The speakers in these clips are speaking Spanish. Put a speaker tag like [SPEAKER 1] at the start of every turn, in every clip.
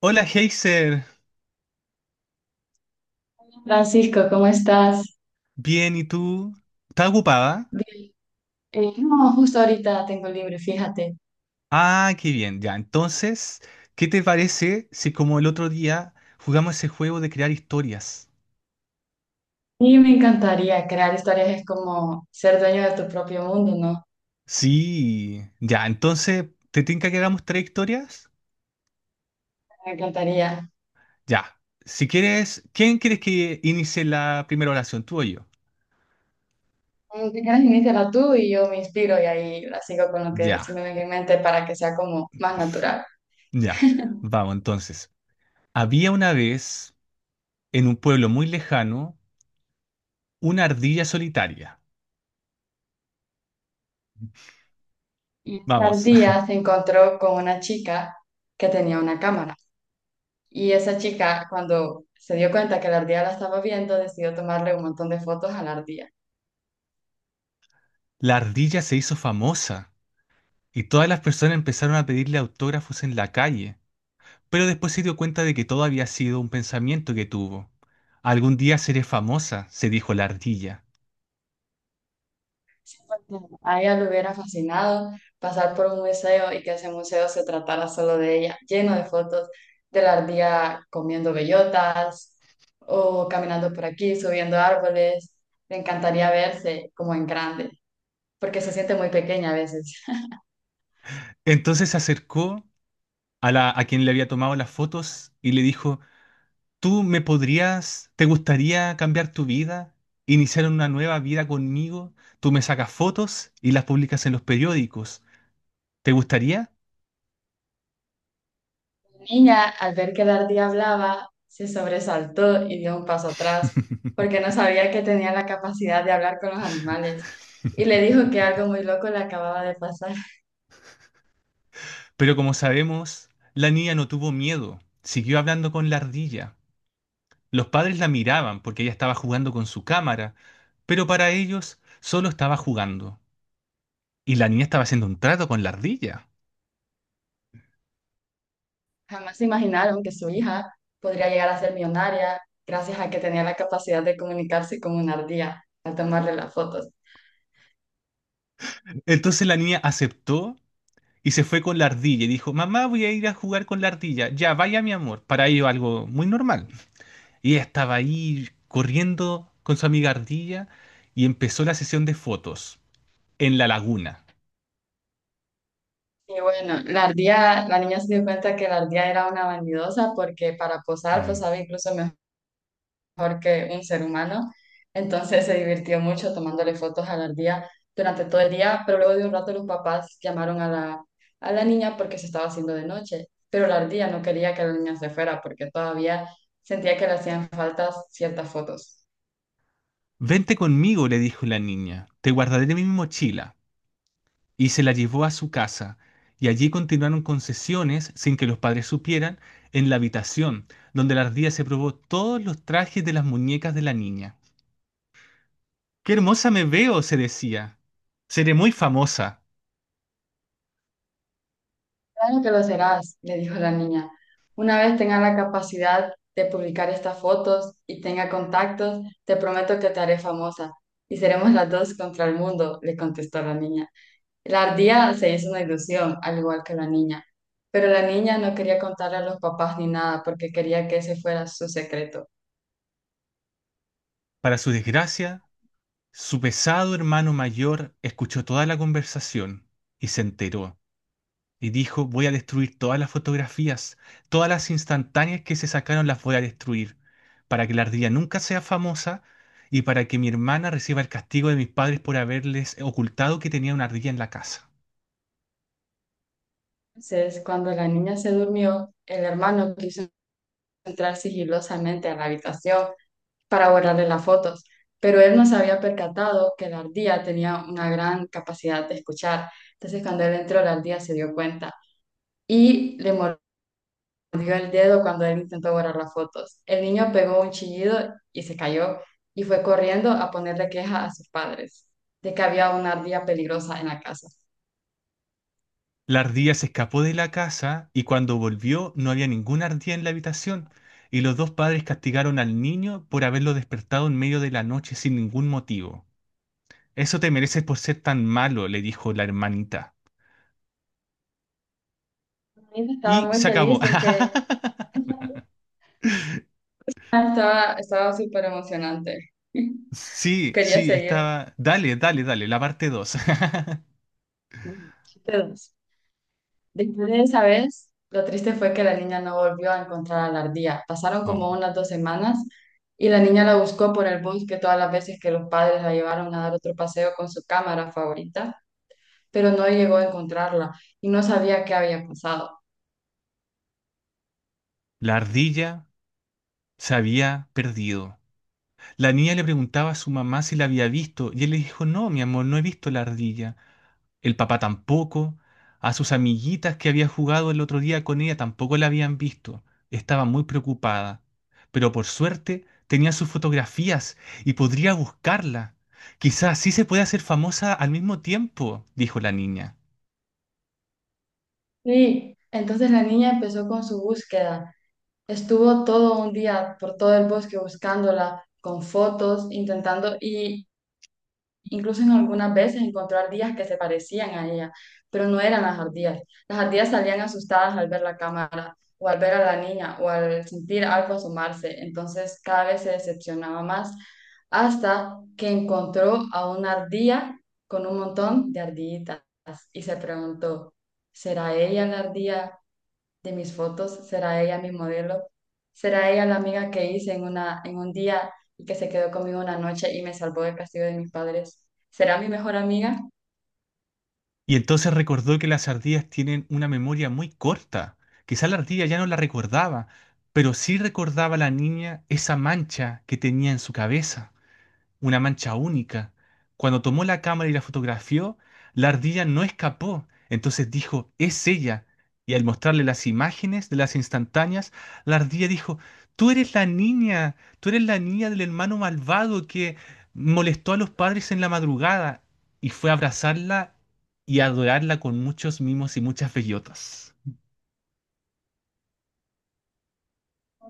[SPEAKER 1] Hola, Heiser.
[SPEAKER 2] Francisco, ¿cómo estás?
[SPEAKER 1] Bien, ¿y tú? ¿Estás ocupada?
[SPEAKER 2] Bien. No, justo ahorita tengo libre, fíjate.
[SPEAKER 1] Ah, qué bien, ya. Entonces, ¿qué te parece si como el otro día jugamos ese juego de crear historias?
[SPEAKER 2] Y me encantaría crear historias, es como ser dueño de tu propio mundo, ¿no?
[SPEAKER 1] Sí, ya. Entonces, ¿te tinca que hagamos tres historias?
[SPEAKER 2] Me encantaría.
[SPEAKER 1] Ya. Si quieres, ¿quién quieres que inicie la primera oración, tú o yo?
[SPEAKER 2] Si quieres, iníciala tú y yo me inspiro y ahí la sigo con lo que
[SPEAKER 1] Ya,
[SPEAKER 2] se me venga en mente para que sea como más natural.
[SPEAKER 1] ya. Vamos, entonces. Había una vez, en un pueblo muy lejano, una ardilla solitaria.
[SPEAKER 2] Y
[SPEAKER 1] Vamos,
[SPEAKER 2] Sardía se encontró con una chica que tenía una cámara. Y esa chica, cuando se dio cuenta que la ardilla la estaba viendo, decidió tomarle un montón de fotos a la ardilla.
[SPEAKER 1] la ardilla se hizo famosa. Y todas las personas empezaron a pedirle autógrafos en la calle, pero después se dio cuenta de que todo había sido un pensamiento que tuvo. Algún día seré famosa, se dijo la ardilla.
[SPEAKER 2] A ella le hubiera fascinado pasar por un museo y que ese museo se tratara solo de ella, lleno de fotos de la ardilla comiendo bellotas o caminando por aquí, subiendo árboles. Le encantaría verse como en grande, porque se siente muy pequeña a veces.
[SPEAKER 1] Entonces se acercó a quien le había tomado las fotos y le dijo, ¿tú me podrías, te gustaría cambiar tu vida, iniciar una nueva vida conmigo? Tú me sacas fotos y las publicas en los periódicos. ¿Te gustaría?
[SPEAKER 2] La niña, al ver que la ardilla hablaba, se sobresaltó y dio un paso atrás, porque no sabía que tenía la capacidad de hablar con los animales. Y le dijo que algo muy loco le acababa de pasar.
[SPEAKER 1] Pero como sabemos, la niña no tuvo miedo, siguió hablando con la ardilla. Los padres la miraban porque ella estaba jugando con su cámara, pero para ellos solo estaba jugando. Y la niña estaba haciendo un trato con la ardilla.
[SPEAKER 2] Jamás se imaginaron que su hija podría llegar a ser millonaria gracias a que tenía la capacidad de comunicarse con una ardilla al tomarle las fotos.
[SPEAKER 1] Entonces la niña aceptó y se fue con la ardilla y dijo, mamá, voy a ir a jugar con la ardilla. Ya, vaya mi amor. Para ello algo muy normal. Y ella estaba ahí corriendo con su amiga ardilla y empezó la sesión de fotos en la laguna.
[SPEAKER 2] Y bueno, la ardilla, la niña se dio cuenta que la ardilla era una vanidosa porque para posar
[SPEAKER 1] Mm.
[SPEAKER 2] posaba incluso mejor. Mejor que un ser humano. Entonces se divirtió mucho tomándole fotos a la ardilla durante todo el día, pero luego de un rato los papás llamaron a la niña porque se estaba haciendo de noche, pero la ardilla no quería que la niña se fuera porque todavía sentía que le hacían falta ciertas fotos.
[SPEAKER 1] Vente conmigo, le dijo la niña. Te guardaré en mi mochila, y se la llevó a su casa. Y allí continuaron con sesiones, sin que los padres supieran, en la habitación, donde la ardilla se probó todos los trajes de las muñecas de la niña. ¡Qué hermosa me veo!, se decía. Seré muy famosa.
[SPEAKER 2] Claro que lo serás, le dijo la niña. Una vez tenga la capacidad de publicar estas fotos y tenga contactos, te prometo que te haré famosa y seremos las dos contra el mundo, le contestó la niña. La ardilla se hizo una ilusión, al igual que la niña, pero la niña no quería contarle a los papás ni nada porque quería que ese fuera su secreto.
[SPEAKER 1] Para su desgracia, su pesado hermano mayor escuchó toda la conversación y se enteró. Y dijo, voy a destruir todas las fotografías, todas las instantáneas que se sacaron las voy a destruir, para que la ardilla nunca sea famosa y para que mi hermana reciba el castigo de mis padres por haberles ocultado que tenía una ardilla en la casa.
[SPEAKER 2] Entonces, cuando la niña se durmió, el hermano quiso entrar sigilosamente a la habitación para borrarle las fotos, pero él no se había percatado que la ardilla tenía una gran capacidad de escuchar. Entonces, cuando él entró, la ardilla se dio cuenta y le dio el dedo cuando él intentó borrar las fotos. El niño pegó un chillido y se cayó y fue corriendo a ponerle queja a sus padres de que había una ardilla peligrosa en la casa.
[SPEAKER 1] La ardilla se escapó de la casa y cuando volvió no había ninguna ardilla en la habitación y los dos padres castigaron al niño por haberlo despertado en medio de la noche sin ningún motivo. Eso te mereces por ser tan malo, le dijo la hermanita.
[SPEAKER 2] Anita estaba
[SPEAKER 1] Y
[SPEAKER 2] muy
[SPEAKER 1] se acabó.
[SPEAKER 2] feliz de que estaba súper emocionante.
[SPEAKER 1] Sí,
[SPEAKER 2] Quería
[SPEAKER 1] sí,
[SPEAKER 2] seguir.
[SPEAKER 1] estaba. Dale, dale, dale, la parte 2.
[SPEAKER 2] Entonces, Después de esa vez, lo triste fue que la niña no volvió a encontrar a la ardilla. Pasaron
[SPEAKER 1] Oh.
[SPEAKER 2] como unas dos semanas y la niña la buscó por el bosque todas las veces que los padres la llevaron a dar otro paseo con su cámara favorita, pero no llegó a encontrarla y no sabía qué había pasado.
[SPEAKER 1] La ardilla se había perdido. La niña le preguntaba a su mamá si la había visto y él le dijo, no, mi amor, no he visto la ardilla. El papá tampoco. A sus amiguitas que había jugado el otro día con ella tampoco la habían visto. Estaba muy preocupada. Pero por suerte tenía sus fotografías y podría buscarla. Quizás sí se puede hacer famosa al mismo tiempo, dijo la niña.
[SPEAKER 2] Y entonces la niña empezó con su búsqueda. Estuvo todo un día por todo el bosque buscándola, con fotos, intentando. Y incluso en algunas veces encontró ardillas que se parecían a ella, pero no eran las ardillas. Las ardillas salían asustadas al ver la cámara, o al ver a la niña, o al sentir algo asomarse. Entonces cada vez se decepcionaba más, hasta que encontró a una ardilla con un montón de ardillitas y se preguntó, ¿será ella la ardilla de mis fotos, será ella mi modelo, será ella la amiga que hice en un día y que se quedó conmigo una noche y me salvó del castigo de mis padres, será mi mejor amiga?
[SPEAKER 1] Y entonces recordó que las ardillas tienen una memoria muy corta. Quizá la ardilla ya no la recordaba, pero sí recordaba la niña esa mancha que tenía en su cabeza, una mancha única. Cuando tomó la cámara y la fotografió, la ardilla no escapó. Entonces dijo, es ella. Y al mostrarle las imágenes de las instantáneas, la ardilla dijo, tú eres la niña, tú eres la niña del hermano malvado que molestó a los padres en la madrugada. Y fue a abrazarla y a adorarla con muchos mimos y muchas bellotas.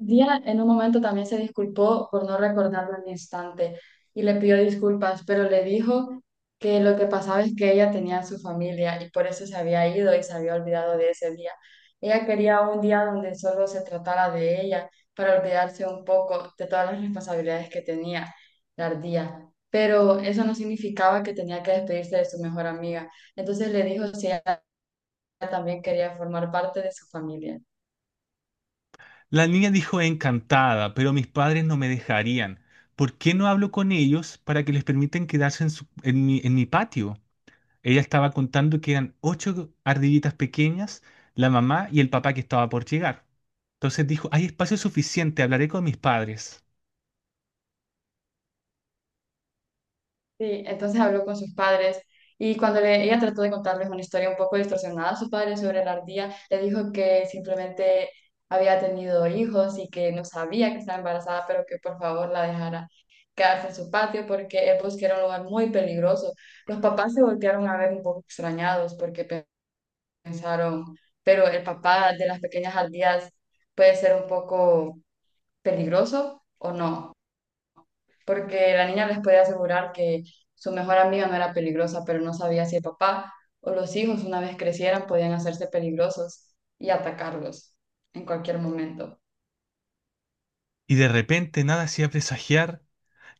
[SPEAKER 2] Día en un momento también se disculpó por no recordarlo al instante y le pidió disculpas, pero le dijo que lo que pasaba es que ella tenía a su familia y por eso se había ido y se había olvidado de ese día. Ella quería un día donde solo se tratara de ella para olvidarse un poco de todas las responsabilidades que tenía la ardía. Pero eso no significaba que tenía que despedirse de su mejor amiga. Entonces le dijo si ella también quería formar parte de su familia.
[SPEAKER 1] La niña dijo encantada, pero mis padres no me dejarían. ¿Por qué no hablo con ellos para que les permitan quedarse en, en en mi patio? Ella estaba contando que eran ocho ardillitas pequeñas, la mamá y el papá que estaba por llegar. Entonces dijo, hay espacio suficiente, hablaré con mis padres.
[SPEAKER 2] Sí, entonces habló con sus padres y cuando ella trató de contarles una historia un poco distorsionada a sus padres sobre la ardilla, le dijo que simplemente había tenido hijos y que no sabía que estaba embarazada, pero que por favor la dejara quedarse en su patio porque el bosque era un lugar muy peligroso. Los papás se voltearon a ver un poco extrañados porque pensaron, pero el papá de las pequeñas ardillas puede ser un poco peligroso o no, porque la niña les puede asegurar que su mejor amiga no era peligrosa, pero no sabía si el papá o los hijos una vez crecieran podían hacerse peligrosos y atacarlos en cualquier momento.
[SPEAKER 1] Y de repente nada hacía presagiar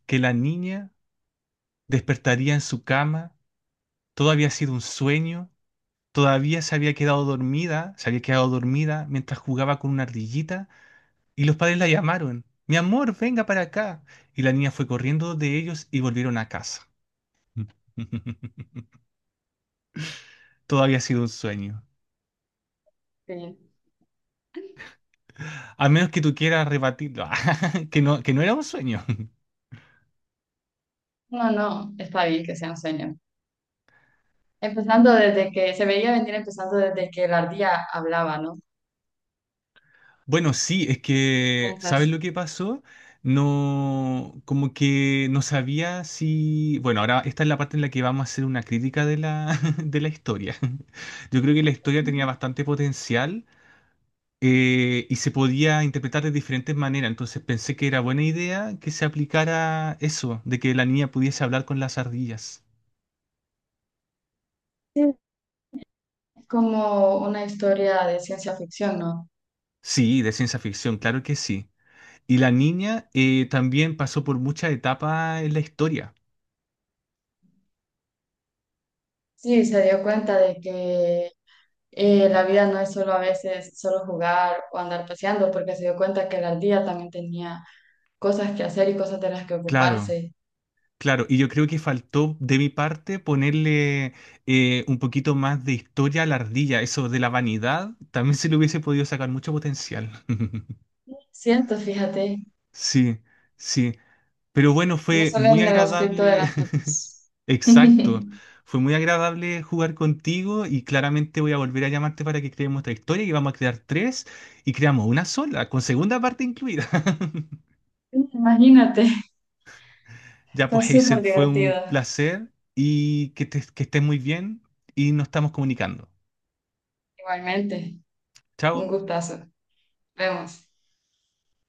[SPEAKER 1] que la niña despertaría en su cama. Todo había sido un sueño. Todavía se había quedado dormida mientras jugaba con una ardillita. Y los padres la llamaron. Mi amor, venga para acá. Y la niña fue corriendo de ellos y volvieron a casa. Todo había sido un sueño.
[SPEAKER 2] Sí.
[SPEAKER 1] A menos que tú quieras rebatirlo, que no era un sueño.
[SPEAKER 2] No, no, está bien que sea un sueño. Empezando desde que se veía venir, empezando desde que la ardilla hablaba, ¿no?
[SPEAKER 1] Bueno, sí, es que, ¿sabes
[SPEAKER 2] ¿Piensas?
[SPEAKER 1] lo que pasó? No, como que no sabía si... Bueno, ahora esta es la parte en la que vamos a hacer una crítica de de la historia. Yo creo que la historia tenía bastante potencial, y se podía interpretar de diferentes maneras. Entonces pensé que era buena idea que se aplicara eso, de que la niña pudiese hablar con las ardillas.
[SPEAKER 2] Sí. Es como una historia de ciencia ficción, ¿no?
[SPEAKER 1] Sí, de ciencia ficción, claro que sí. Y la niña también pasó por muchas etapas en la historia.
[SPEAKER 2] Sí, se dio cuenta de que la vida no es solo a veces solo jugar o andar paseando, porque se dio cuenta que el día también tenía cosas que hacer y cosas de las que
[SPEAKER 1] Claro,
[SPEAKER 2] ocuparse.
[SPEAKER 1] claro. Y yo creo que faltó de mi parte ponerle un poquito más de historia a la ardilla. Eso de la vanidad, también se le hubiese podido sacar mucho potencial.
[SPEAKER 2] Siento, fíjate,
[SPEAKER 1] Sí, sí. Pero bueno,
[SPEAKER 2] no
[SPEAKER 1] fue
[SPEAKER 2] solo
[SPEAKER 1] muy
[SPEAKER 2] en el aspecto de
[SPEAKER 1] agradable.
[SPEAKER 2] las fotos.
[SPEAKER 1] Exacto. Fue muy agradable jugar contigo y claramente voy a volver a llamarte para que creemos otra historia y vamos a crear tres y creamos una sola, con segunda parte incluida.
[SPEAKER 2] Imagínate,
[SPEAKER 1] Ya
[SPEAKER 2] fue
[SPEAKER 1] pues, Heiser,
[SPEAKER 2] súper
[SPEAKER 1] fue un
[SPEAKER 2] divertido.
[SPEAKER 1] placer y que, que estés muy bien y nos estamos comunicando.
[SPEAKER 2] Igualmente, un
[SPEAKER 1] Chao.
[SPEAKER 2] gustazo. Vemos.